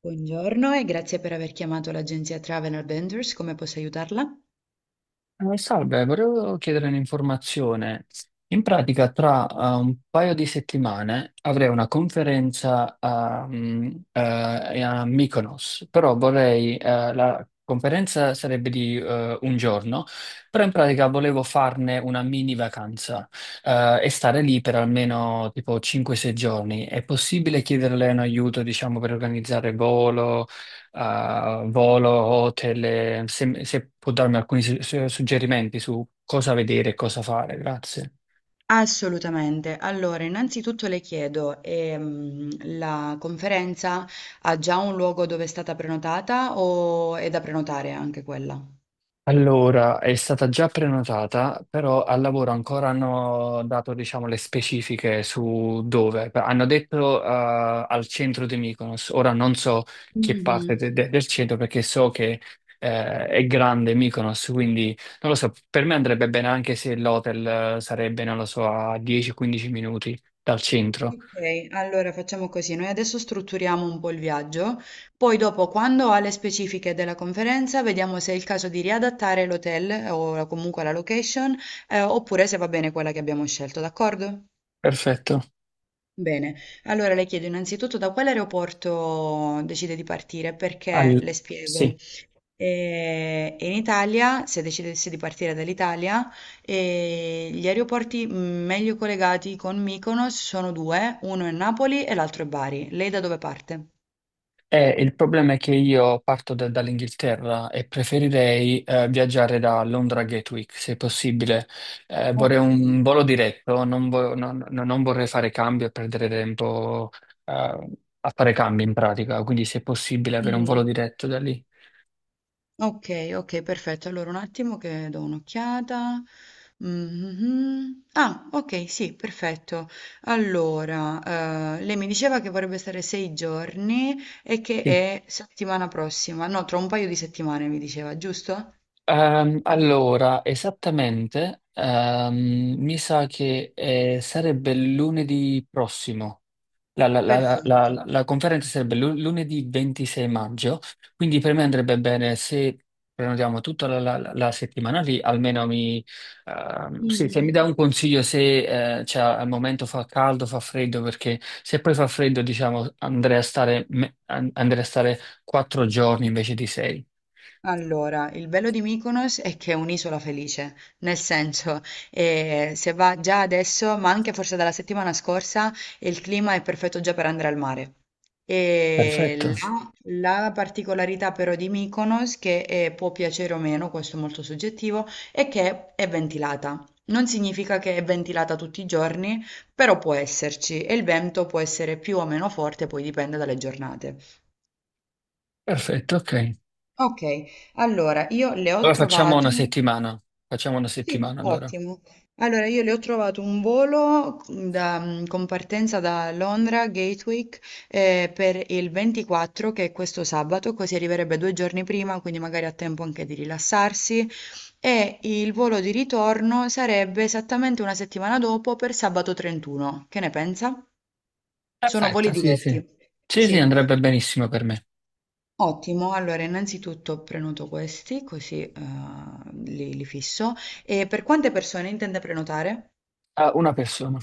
Buongiorno e grazie per aver chiamato l'agenzia Travel Adventures, come posso aiutarla? Salve, volevo chiedere un'informazione. In pratica, tra un paio di settimane avrei una conferenza a Mykonos, però la conferenza sarebbe di un giorno, però in pratica volevo farne una mini vacanza e stare lì per almeno tipo 5-6 giorni. È possibile chiederle un aiuto, diciamo, per organizzare volo? A volo, hotel, se, se può darmi alcuni suggerimenti su cosa vedere e cosa fare, grazie. Assolutamente. Allora, innanzitutto le chiedo, la conferenza ha già un luogo dove è stata prenotata o è da prenotare anche quella? Allora, è stata già prenotata, però al lavoro ancora hanno dato, diciamo, le specifiche su dove. Hanno detto, al centro di Mykonos. Ora non so che parte Mhm. Del centro perché so che, è grande Mykonos, quindi non lo so. Per me andrebbe bene anche se l'hotel, non lo so, a 10-15 minuti dal centro. Ok, allora facciamo così, noi adesso strutturiamo un po' il viaggio, poi dopo quando ha le specifiche della conferenza vediamo se è il caso di riadattare l'hotel o comunque la location, oppure se va bene quella che abbiamo scelto, d'accordo? Perfetto. Bene, allora le chiedo innanzitutto da quale aeroporto decide di partire, perché Al- le spiego. Sì. In Italia, se decidessi di partire dall'Italia, gli aeroporti meglio collegati con Mykonos sono due, uno è Napoli e l'altro è Bari. Lei da dove parte? Il problema è che io parto dall'Inghilterra e preferirei viaggiare da Londra a Gatwick, se possibile. Vorrei Ok. un volo diretto, non, vo- non- non non vorrei fare cambi e perdere tempo eh, a fare cambi in pratica, quindi se è possibile avere un volo Mm. diretto da lì. Okay, okay, perfetto. Allora un attimo che do un'occhiata. Mh-mh-mh. Ah, okay, sì, perfetto. Allora, lei mi diceva che vorrebbe stare 6 giorni e che Sì. è settimana prossima no, tra un paio di settimane mi diceva, giusto? Allora, esattamente, mi sa che sarebbe lunedì prossimo. La, la- la- la- Perfetto. la- la conferenza sarebbe lunedì 26 maggio, quindi per me andrebbe bene se prenotiamo tutta la settimana lì, almeno mi, sì, se mi Mh-mh. dà un consiglio se cioè, al momento fa caldo, fa freddo, perché se poi fa freddo, diciamo, andrei a stare 4 giorni invece di 6. Allora, il bello di Mykonos è che è un'isola felice, nel senso, se va già adesso, ma anche forse dalla settimana scorsa, il clima è perfetto già per andare al mare. Perfetto, E la particolarità però di Mykonos, che può piacere o meno, questo è molto soggettivo, è che è ventilata. Non significa che è ventilata tutti i giorni, però può esserci e il vento può essere più o meno forte, poi dipende dalle giornate. perfetto, ok. Ok, allora io le ho Allora trovate. Facciamo una Sì, settimana allora. ottimo. Allora, io le ho trovato un volo con partenza da Londra, Gatwick, per il 24, che è questo sabato, così arriverebbe due giorni prima, quindi magari ha tempo anche di rilassarsi. E il volo di ritorno sarebbe esattamente una settimana dopo per sabato 31. Che ne pensa? Sono voli Perfetto, sì, sì. diretti. Sì, sì, Sì. andrebbe benissimo per me. Ottimo, allora innanzitutto prenoto questi, così li fisso. E per quante persone intende prenotare? Ah, una persona.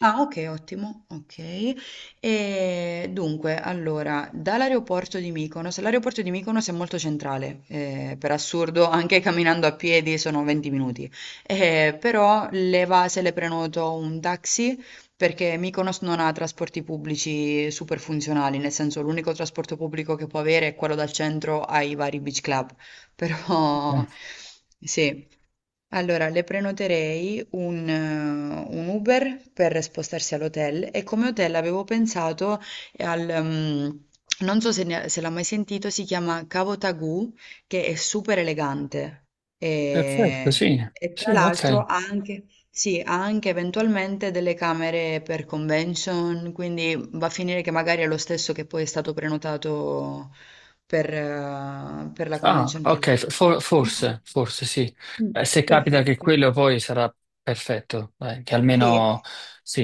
Ah okay, ottimo, okay. Dunque allora, dall'aeroporto di Mykonos l'aeroporto di Mykonos è molto centrale, per assurdo anche camminando a piedi sono 20 minuti, però le va se le prenoto un taxi, perché Mykonos non ha trasporti pubblici super funzionali, nel senso l'unico trasporto pubblico che può avere è quello dal centro ai vari beach club, però Ok. sì. Allora, le prenoterei un Uber per spostarsi all'hotel e come hotel avevo pensato al non so se, se l'ha mai sentito, si chiama Cavo Tagù, che è super elegante Perfetto, sì, e tra sì, l'altro ok. ha anche, sì, ha anche eventualmente delle camere per convention, quindi va a finire che magari è lo stesso che poi è stato prenotato per la Ah, convention che ok, lì. Forse, forse sì. Mm, mm, Se capita che Perfetto. quello poi sarà perfetto, dai, che Sì, almeno sì.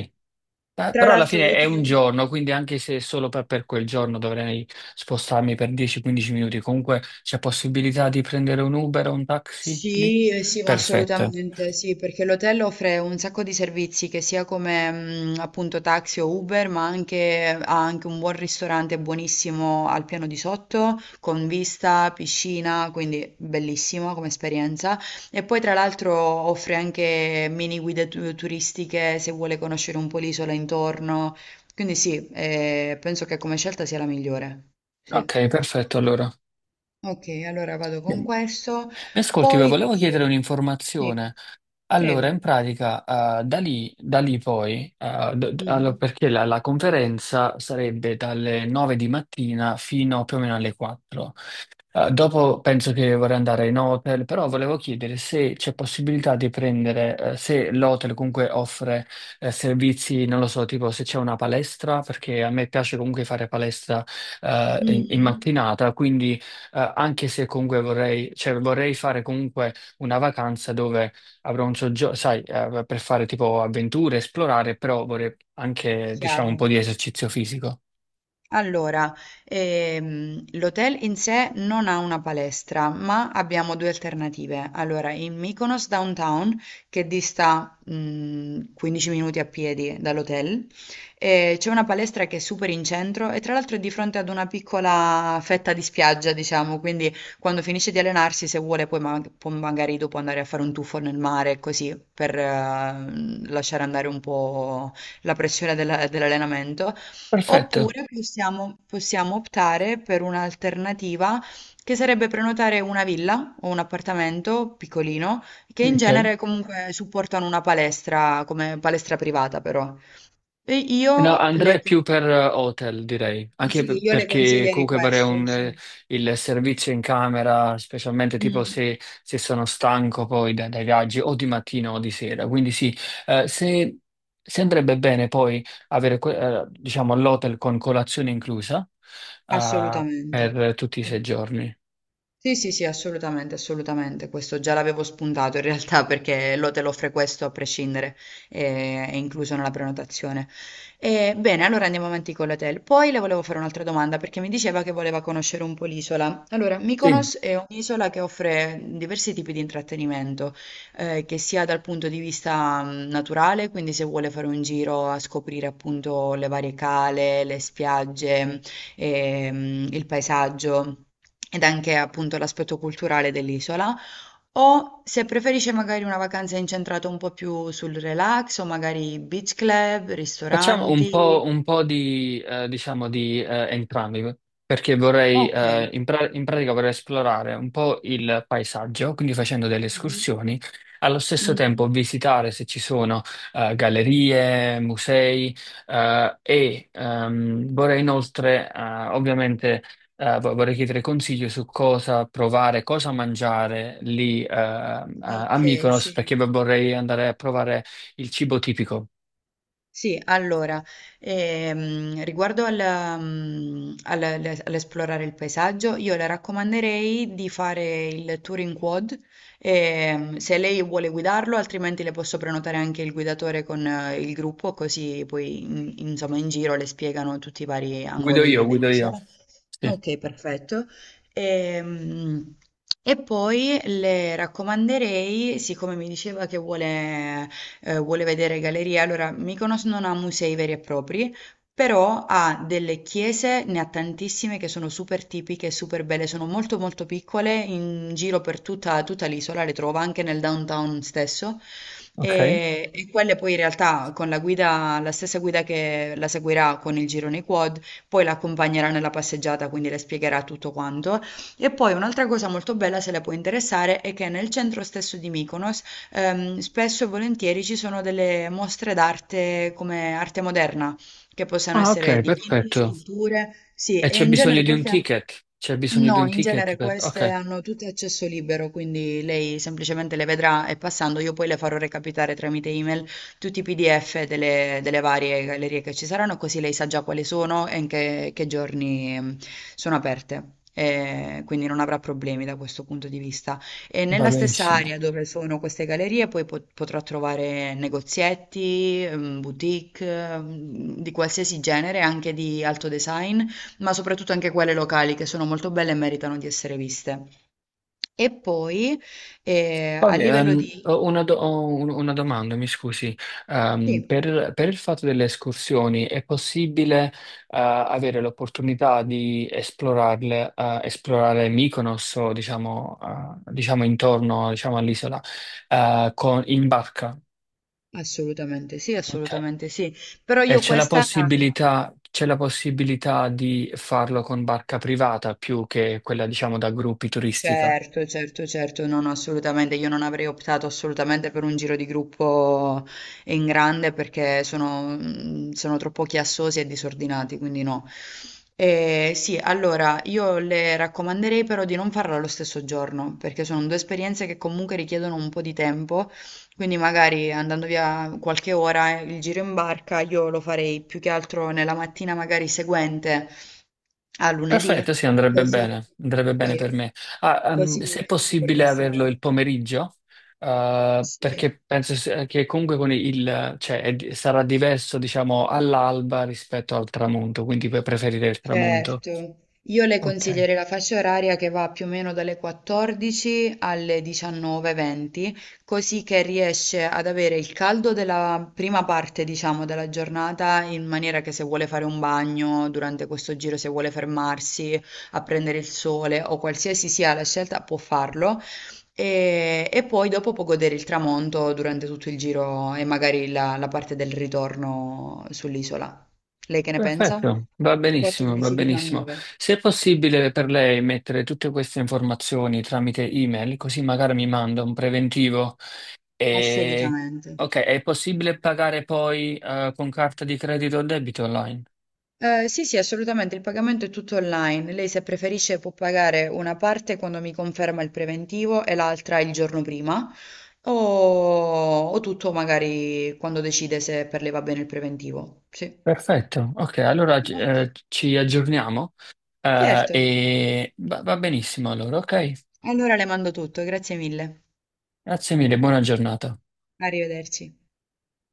Tra Però alla l'altro fine è un l'hotel giorno, quindi anche se solo per quel giorno dovrei spostarmi per 10-15 minuti, comunque c'è possibilità di prendere un Uber o un taxi lì? sì, sì, ma Perfetto. assolutamente sì, perché l'hotel offre un sacco di servizi che sia come appunto taxi o Uber, ma anche, ha anche un buon ristorante buonissimo al piano di sotto, con vista, piscina, quindi bellissimo come esperienza. E poi tra l'altro offre anche mini guide turistiche se vuole conoscere un po' l'isola intorno. Quindi sì, penso che come scelta sia la migliore. Sì. Ok, perfetto, allora. Okay, allora vado con Mi questo, ascolti, poi le volevo chiedere chiedo sì, un'informazione. Allora, in prego. pratica, da lì poi, allora, Mh-mh. perché la conferenza sarebbe dalle 9 di mattina fino più o meno alle 4. Dopo penso che vorrei andare in hotel, però volevo chiedere se c'è possibilità di prendere, se l'hotel comunque offre, servizi, non lo so, tipo se c'è una palestra, perché a me piace comunque fare palestra, in Mh-mh. mattinata, quindi, anche se comunque vorrei fare comunque una vacanza dove avrò un soggiorno, sai, per fare tipo avventure, esplorare, però vorrei anche, diciamo, un Chiaro. po' di esercizio fisico. Allora, l'hotel in sé non ha una palestra, ma abbiamo due alternative. Allora, in Mykonos Downtown, che dista 15 minuti a piedi dall'hotel, c'è una palestra che è super in centro e tra l'altro è di fronte ad una piccola fetta di spiaggia, diciamo, quindi quando finisce di allenarsi, se vuole, poi può magari dopo andare a fare un tuffo nel mare, così, per lasciare andare un po' la pressione dell'allenamento. Perfetto. Oppure possiamo optare per un'alternativa che sarebbe prenotare una villa o un appartamento piccolino, che in Ok. genere comunque supportano una palestra come palestra privata però. E No, io le, andrei più per hotel, direi, anche sì, io le perché consiglierei comunque vorrei questo, un, sì. il servizio in camera, specialmente tipo Mm, se, se sono stanco poi dai viaggi o di mattina o di sera. Quindi sì, eh, se, se andrebbe bene poi avere, diciamo, l'hotel con colazione inclusa, assolutamente. per tutti i Sì. 6 giorni. Sì, sì, sì, assolutamente, assolutamente. Questo già l'avevo spuntato in realtà perché l'hotel offre questo a prescindere, è incluso nella prenotazione. E, bene, allora andiamo avanti con l'hotel. Poi le volevo fare un'altra domanda perché mi diceva che voleva conoscere un po' l'isola. Allora, Sì. Mykonos è un'isola che offre diversi tipi di intrattenimento, che sia dal punto di vista naturale, quindi se vuole fare un giro a scoprire appunto le varie cale, le spiagge, il paesaggio ed anche appunto l'aspetto culturale dell'isola, o se preferisce magari una vacanza incentrata un po' più sul relax o magari beach club, Facciamo ristoranti. un po' di, entrambi, perché vorrei, Ok. In pratica vorrei esplorare un po' il paesaggio, quindi facendo delle Mhm. escursioni, allo stesso tempo Mhm. visitare se ci sono gallerie, musei, vorrei inoltre, ovviamente, vorrei chiedere consigli su cosa provare, cosa mangiare lì a Ok, Mykonos, sì. perché vorrei andare a provare il cibo tipico. Sì, allora, riguardo al, mm, al- al- all'esplorare il paesaggio, io le raccomanderei di fare il tour in quad, se lei vuole guidarlo, altrimenti le posso prenotare anche il guidatore con il gruppo, così poi insomma in giro le spiegano tutti i vari angoli Guido io. dell'isola. Sì. Okay, perfetto. Ehm, e poi le raccomanderei, siccome mi diceva che vuole vuole vedere gallerie, allora Mykonos non ha musei veri e propri, però ha delle chiese, ne ha tantissime che sono super tipiche e super belle, sono molto molto piccole, in giro per tutta l'isola, le trova anche nel downtown stesso. Ok? E quelle poi in realtà con la guida la stessa guida che la seguirà con il girone quad poi la accompagnerà nella passeggiata, quindi le spiegherà tutto quanto. E poi un'altra cosa molto bella, se le può interessare, è che nel centro stesso di Mykonos spesso e volentieri ci sono delle mostre d'arte come arte moderna, che possono Ah, essere ok, dipinti, perfetto. sculture, sì, E e c'è in bisogno genere di un queste... ticket? C'è bisogno di No, un in ticket genere per... queste Ok, hanno tutte accesso libero, quindi lei semplicemente le vedrà e passando io poi le farò recapitare tramite email tutti i PDF delle varie gallerie che ci saranno, così lei sa già quali sono e in che giorni sono aperte. E quindi non avrà problemi da questo punto di vista. E va nella stessa benissimo. area dove sono queste gallerie, poi potrà trovare negozietti, boutique, di qualsiasi genere, anche di alto design ma soprattutto anche quelle locali che sono molto belle e meritano di essere viste. E poi a Poi, livello di... ho una domanda, mi scusi. Sì, Per il fatto delle escursioni, è possibile, avere l'opportunità di esplorarle, esplorare Mykonos o, diciamo, intorno, diciamo, all'isola, in barca? assolutamente sì, Ok. assolutamente sì, però E io questa... c'è la possibilità di farlo con barca privata più che quella, diciamo, da gruppi turistica. Certo, certo, certo, no, no, assolutamente. Io non avrei optato assolutamente per un giro di gruppo in grande perché sono, sono troppo chiassosi e disordinati, quindi no. Sì, allora io le raccomanderei però di non farlo allo stesso giorno perché sono due esperienze che comunque richiedono un po' di tempo, quindi magari andando via qualche ora, il giro in barca io lo farei più che altro nella mattina magari seguente a lunedì. Perfetto, sì, Così. Andrebbe bene per Sì, me. Poi Se è si può possibile averlo il rilassare. pomeriggio, Sì, perché penso che comunque con il, sarà diverso, diciamo, all'alba rispetto al tramonto, quindi puoi preferire il tramonto. certo, io le Ok. consiglierei la fascia oraria che va più o meno dalle 14 alle 19:20, così che riesce ad avere il caldo della prima parte, diciamo, della giornata, in maniera che se vuole fare un bagno durante questo giro, se vuole fermarsi a prendere il sole o qualsiasi sia la scelta, può farlo. E poi dopo può godere il tramonto durante tutto il giro e magari la parte del ritorno sull'isola. Lei che ne pensa? Perfetto, va benissimo, va benissimo. 14,19. Se è possibile per lei mettere tutte queste informazioni tramite email, così magari mi manda un preventivo. E... Assolutamente. Ok, è possibile pagare poi con carta di credito o debito online? Sì, sì, assolutamente, il pagamento è tutto online. Lei se preferisce può pagare una parte quando mi conferma il preventivo e l'altra il giorno prima, o, o tutto magari quando decide se per lei va bene il preventivo. Sì. Perfetto, ok, allora Ok. Ci aggiorniamo Certo. e va benissimo allora, ok? Allora le mando tutto, grazie mille. Grazie mille, buona giornata. Arrivederci.